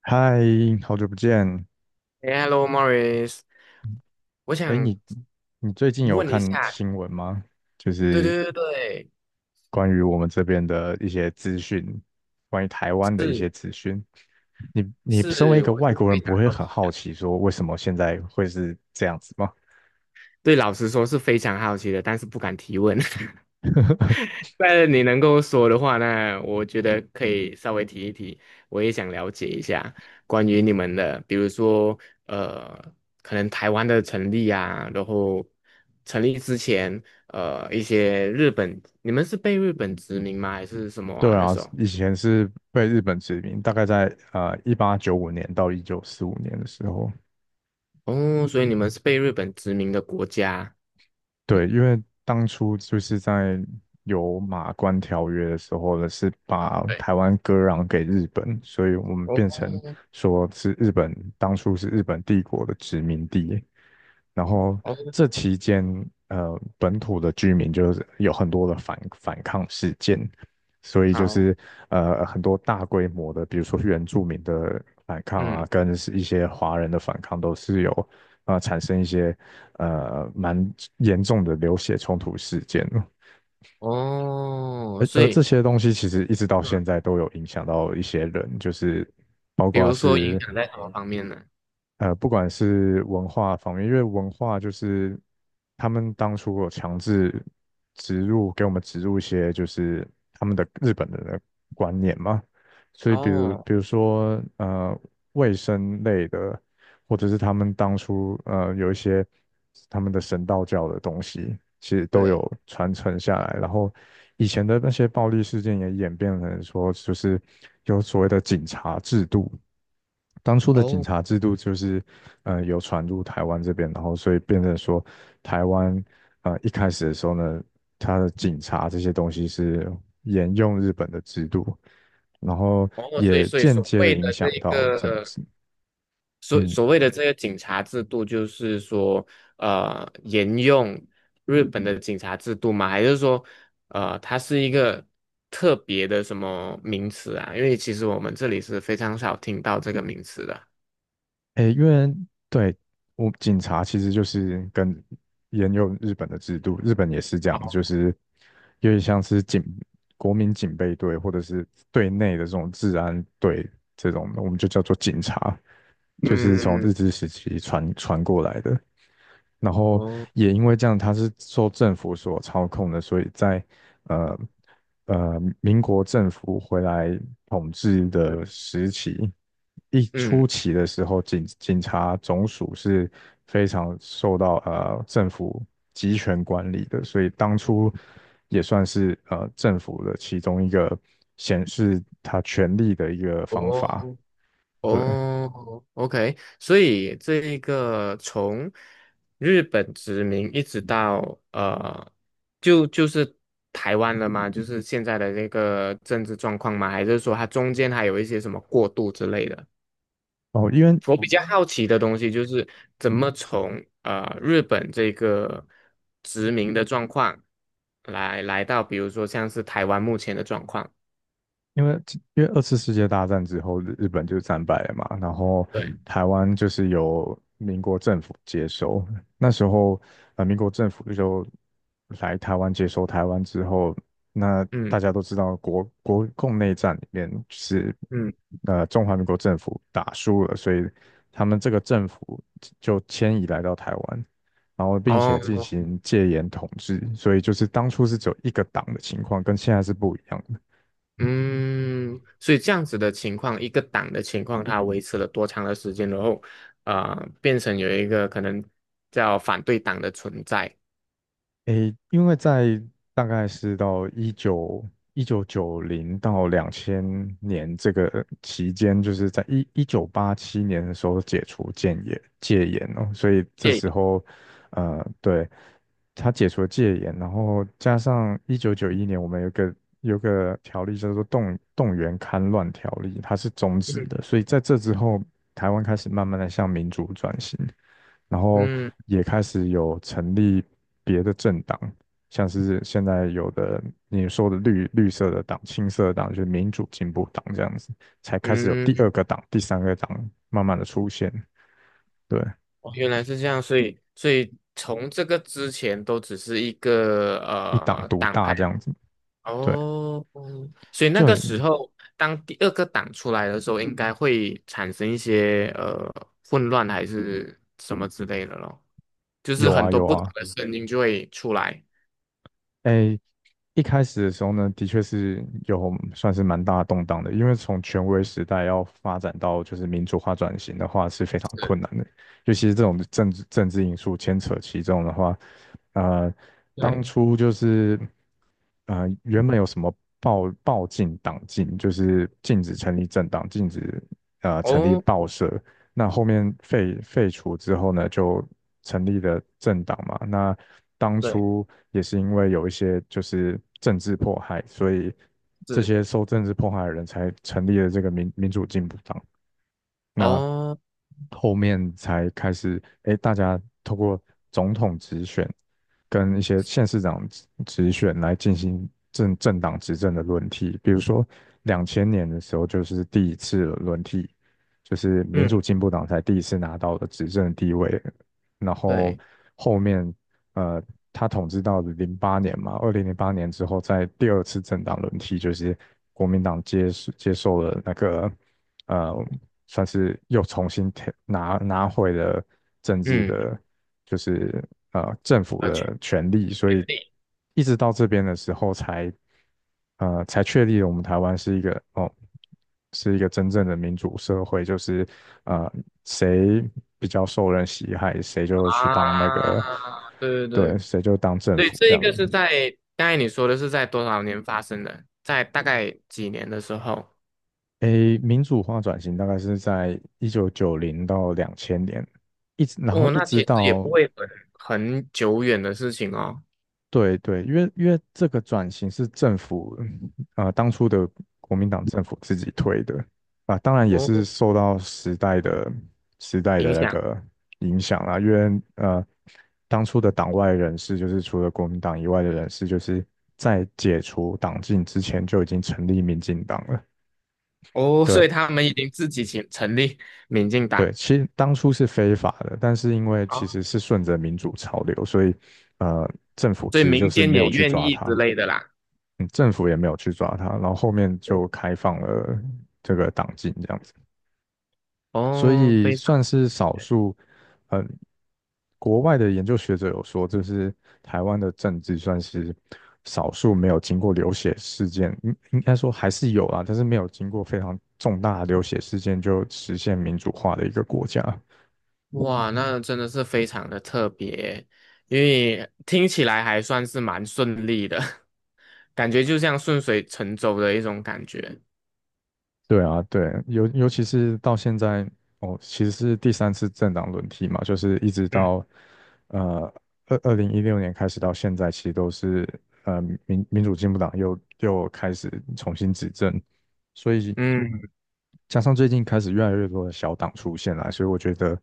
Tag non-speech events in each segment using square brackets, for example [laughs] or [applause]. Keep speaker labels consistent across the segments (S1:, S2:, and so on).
S1: 嗨，好久不见。
S2: hello Morris，我
S1: 哎，
S2: 想
S1: 你最近有
S2: 问一
S1: 看
S2: 下，
S1: 新闻吗？就
S2: 对
S1: 是
S2: 对对对，
S1: 关于我们这边的一些资讯，关于台湾的一些
S2: 是
S1: 资讯。你身为一
S2: 是，
S1: 个
S2: 我
S1: 外
S2: 是
S1: 国
S2: 非
S1: 人，不
S2: 常
S1: 会
S2: 好
S1: 很
S2: 奇，
S1: 好奇说为什么现在会是这样子吗？
S2: 对，老实说是非常好奇的，但是不敢提问。[laughs]
S1: [laughs]
S2: 但是你能够说的话，那我觉得可以稍微提一提，我也想了解一下关于你们的，比如说呃，可能台湾的成立啊，然后成立之前，一些日本，你们是被日本殖民吗？还是什么
S1: 对
S2: 啊？那
S1: 啊，
S2: 时候？
S1: 以前是被日本殖民，大概在1895年到1945年的时候。
S2: 哦，所以你们是被日本殖民的国家。
S1: 对，因为当初就是在有马关条约的时候呢，是把
S2: 对，
S1: 台湾割让给日本，所以我们变成
S2: 哦
S1: 说是日本，当初是日本帝国的殖民地。然后
S2: 哦，
S1: 这期间，本土的居民就是有很多的反抗事件，所以就
S2: 好，
S1: 是很多大规模的，比如说原住民的反抗啊，
S2: 嗯，
S1: 跟是一些华人的反抗，都是有啊产生一些蛮严重的流血冲突事件。
S2: 哦，
S1: 而
S2: 所
S1: 而
S2: 以
S1: 这些东西其实一直到
S2: 嗯，
S1: 现在都有影响到一些人，就是包
S2: 比
S1: 括
S2: 如说影
S1: 是
S2: 响在什么方面呢？
S1: 不管是文化方面，因为文化就是他们当初有强制植入给我们植入一些就是他们的日本人的观念嘛，所以比如
S2: 哦，
S1: 比如说卫生类的，或者是他们当初有一些他们的神道教的东西，其实都
S2: 对，
S1: 有传承下来。然后以前的那些暴力事件也演变成说，就是有所谓的警察制度。当初的警
S2: 哦
S1: 察制度就是，有传入台湾这边，然后所以变成说，台湾一开始的时候呢，他的警察这些东西是沿用日本的制度，然后
S2: 哦，所以
S1: 也
S2: 所以
S1: 间
S2: 所
S1: 接的
S2: 谓
S1: 影
S2: 的这
S1: 响
S2: 一
S1: 到政
S2: 个
S1: 治。
S2: 所
S1: 嗯，
S2: 所谓的这个警察制度，就是说沿用日本的警察制度吗？还是说它是一个特别的什么名词啊？因为其实我们这里是非常少听到这个名词的。
S1: 诶，因为对我警察其实就是跟沿用日本的制度，日本也是这样，就是有点像是国民警备队或者是队内的这种治安队这种的，我们就叫做警察，就是从
S2: 嗯，
S1: 日治时期传过来的。然后
S2: 哦，
S1: 也因为这样，它是受政府所操控的，所以在呃民国政府回来统治
S2: 对，
S1: 的时期，初
S2: 嗯。
S1: 期的时候，警察总署是非常受到政府集权管理的，所以当初也算是政府的其中一个显示他权力的一个方法，
S2: 哦，
S1: 对。
S2: 哦，OK，所以这一个从日本殖民一直到呃，就是台湾了吗？就是现在的那个政治状况吗？还是说它中间还有一些什么过渡之类的？
S1: 哦，
S2: 我比较好奇的东西就是怎么从日本这个殖民的状况来到，比如说像是台湾目前的状况。
S1: 因为因为二次世界大战之后，日本就战败了嘛，然后
S2: 对，
S1: 台湾就是由民国政府接收。那时候，民国政府就来台湾接收台湾之后，那
S2: 嗯
S1: 大家都知道国共内战里面是
S2: 嗯
S1: 中华民国政府打输了，所以他们这个政府就迁移来到台湾，然后并且进
S2: 哦，
S1: 行戒严统治，所以就是当初是只有一个党的情况，跟现在是不一样的。
S2: 嗯，所以这样子的情况，一个党的情况，它维持了多长的时间，然后，呃，变成有一个可能叫反对党的存在。
S1: 诶，因为在大概是到一九九零到两千年这个期间，就是在1987年的时候解除戒严哦，所以这
S2: 对，
S1: 时候，对，他解除了戒严，然后加上1991年我们有个条例叫做动员戡乱条例，它是终止的，所以在这之后，台湾开始慢慢的向民主转型。然后
S2: 嗯
S1: 也开始有成立别的政党，像是现在有的你说的绿色的党、青色的党，就是民主进步党这样子，才开始有
S2: 嗯，
S1: 第二
S2: 嗯
S1: 个党、第三个党慢慢的出现，对，
S2: 哦，原来是这样，所以从这个之前都只是一个
S1: 一党独
S2: 党
S1: 大
S2: 派
S1: 这样子，对，
S2: 哦，嗯所以那
S1: 就
S2: 个时
S1: 很
S2: 候当第二个党出来的时候，应该会产生一些混乱还是什么之类的咯。就是
S1: 有
S2: 很
S1: 啊
S2: 多
S1: 有
S2: 不同
S1: 啊，
S2: 的声音就会出来。
S1: 诶，一开始的时候呢，的确是有算是蛮大的动荡的，因为从权威时代要发展到就是民主化转型的话是非常困
S2: 是，
S1: 难的，尤其是这种政治因素牵扯其中的话，呃，当
S2: 对，
S1: 初就是原本有什么报禁党禁，就是禁止成立政党，禁止成立
S2: 哦，
S1: 报社，那后面废除之后呢，就成立了政党嘛。那当
S2: 对，
S1: 初也是因为有一些就是政治迫害，所以这
S2: 是，
S1: 些受政治迫害的人才成立了这个民主进步党。那
S2: 哦，
S1: 后面才开始，哎，大家透过总统直选跟一些县市长直选来进行政党执政的轮替。比如说，两千年的时候就是第一次轮替，就是民
S2: 嗯，
S1: 主进步党才第一次拿到的执政地位，然后
S2: 对，
S1: 后面呃，他统治到零八年嘛，2008年之后，在第二次政党轮替，就是国民党接受了那个呃算是又重新填拿回了政治
S2: 嗯，
S1: 的，就是政府
S2: 确
S1: 的权利，所
S2: 定
S1: 以一直到这边的时候才确立了我们台湾是一个哦是一个真正的民主社会，就是呃谁比较受人喜爱，谁就去当那
S2: 啊，
S1: 个
S2: 对对
S1: 对，
S2: 对，
S1: 谁就当政
S2: 所以
S1: 府这
S2: 这一
S1: 样
S2: 个是
S1: 子。
S2: 在刚才你说的是在多少年发生的，在大概几年的时候，
S1: 诶，民主化转型大概是在一九九零到两千年，然后
S2: 哦，
S1: 一
S2: 那其
S1: 直
S2: 实也
S1: 到
S2: 不会很久远的事情哦，
S1: 对对，因为这个转型是政府，当初的国民党政府自己推的啊，当然也
S2: 哦，
S1: 是受到时代的
S2: 影
S1: 那
S2: 响，
S1: 个影响啦。因为当初的党外人士，就是除了国民党以外的人士，就是在解除党禁之前就已经成立民进党了。
S2: 哦，所
S1: 对
S2: 以他们已经自己成立民进
S1: 对，
S2: 党，
S1: 其实当初是非法的，但是因为其实
S2: 啊，
S1: 是顺着民主潮流，所以呃，政府
S2: 所以
S1: 其实就
S2: 民
S1: 是
S2: 间
S1: 没有
S2: 也
S1: 去
S2: 愿
S1: 抓
S2: 意之
S1: 他。
S2: 类的啦。
S1: 政府也没有去抓他，然后后面
S2: 哦，
S1: 就开放了这个党禁这样子，所
S2: 哦
S1: 以
S2: 非
S1: 算
S2: 常。
S1: 是少数，嗯、国外的研究学者有说，就是台湾的政治算是少数没有经过流血事件，应该说还是有啊，但是没有经过非常重大的流血事件就实现民主化的一个国家。
S2: 哇，那真的是非常的特别，因为听起来还算是蛮顺利的，[laughs] 感觉就像顺水成舟的一种感觉。
S1: 对啊，对，尤其是到现在，哦，其实是第三次政党轮替嘛，就是一直
S2: 嗯，
S1: 到呃2016年开始到现在，其实都是呃民主进步党又开始重新执政，所以
S2: 嗯，
S1: 加上最近开始越来越多的小党出现了，所以我觉得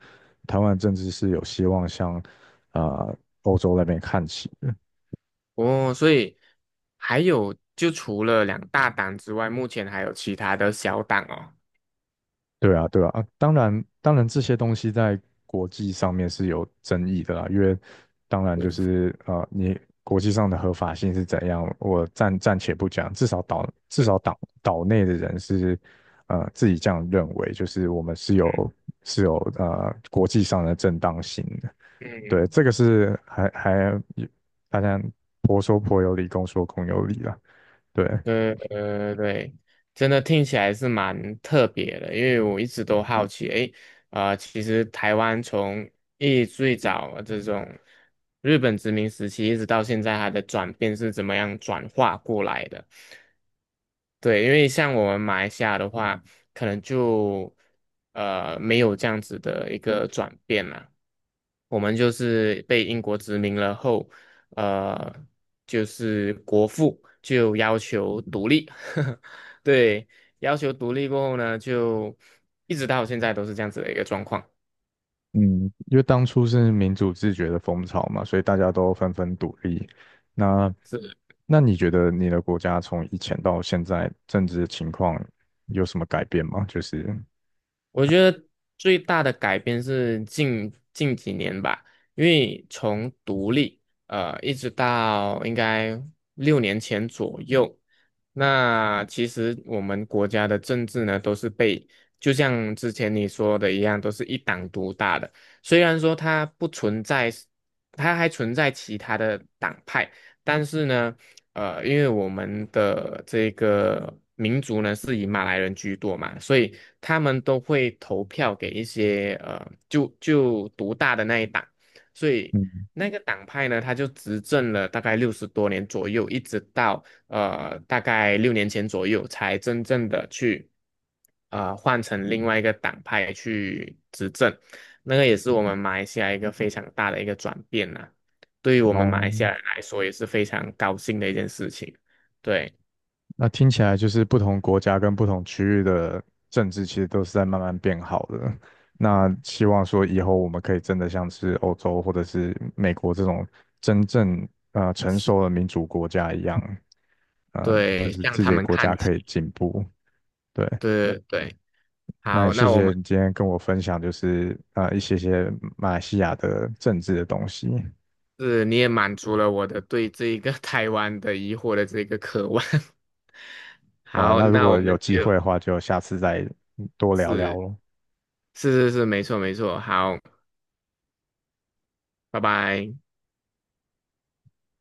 S1: 台湾的政治是有希望向啊、呃欧洲那边看齐。
S2: 哦，所以还有就除了两大档之外，目前还有其他的小档哦。
S1: 对啊，对啊，当然，当然，这些东西在国际上面是有争议的啦，因为当然就是你国际上的合法性是怎样，我暂且不讲，至少岛至
S2: 嗯
S1: 少岛岛内的人是自己这样认为，就是我们是有国际上的正当性的，对，
S2: 嗯，
S1: 这个是还大家婆说婆有理，公说公有理啦，对，
S2: 对对对，真的听起来是蛮特别的，因为我一直都好奇，诶，啊，其实台湾从最早这种日本殖民时期，一直到现在，它的转变是怎么样转化过来的？对，因为像我们马来西亚的话，可能就没有这样子的一个转变啦。我们就是被英国殖民了后，呃，就是国父就要求独立，[laughs] 对，要求独立过后呢，就一直到现在都是这样子的一个状况。
S1: 嗯，因为当初是民主自觉的风潮嘛，所以大家都纷纷独立。那那你觉得你的国家从以前到现在政治情况有什么改变吗？就是
S2: 我觉得最大的改变是近几年吧，因为从独立，一直到应该六年前左右，那其实我们国家的政治呢，都是被就像之前你说的一样，都是一党独大的。虽然说它不存在，它还存在其他的党派，但是呢。因为我们的这个民族呢是以马来人居多嘛，所以他们都会投票给一些就独大的那一党，所以
S1: 嗯，
S2: 那个党派呢，他就执政了大概60多年左右，一直到大概六年前左右才真正的去换成另外一个党派去执政，那个也是我们马来西亚一个非常大的一个转变呐、对于我们马来
S1: 哦。
S2: 西亚人来说也是非常高兴的一件事情。对，
S1: 那听起来就是不同国家跟不同区域的政治其实都是在慢慢变好的。那希望说以后我们可以真的像是欧洲或者是美国这种真正成
S2: 是，
S1: 熟的民主国家一样，嗯，就
S2: 对，
S1: 是
S2: 向
S1: 自
S2: 他
S1: 己的
S2: 们
S1: 国
S2: 看
S1: 家
S2: 齐。
S1: 可以进步。对，
S2: 对对，
S1: 那也
S2: 好，
S1: 谢
S2: 那我
S1: 谢
S2: 们
S1: 你今天跟我分享，就是一些马来西亚的政治的东西。
S2: 是你也满足了我的对这一个 [laughs] 台湾的疑惑的这个渴望。[laughs]
S1: 好啊，
S2: 好，
S1: 那如
S2: 那我
S1: 果有
S2: 们
S1: 机会的
S2: 就
S1: 话，就下次再多聊
S2: 是
S1: 聊咯。
S2: 是是是，没错没错。好，拜拜。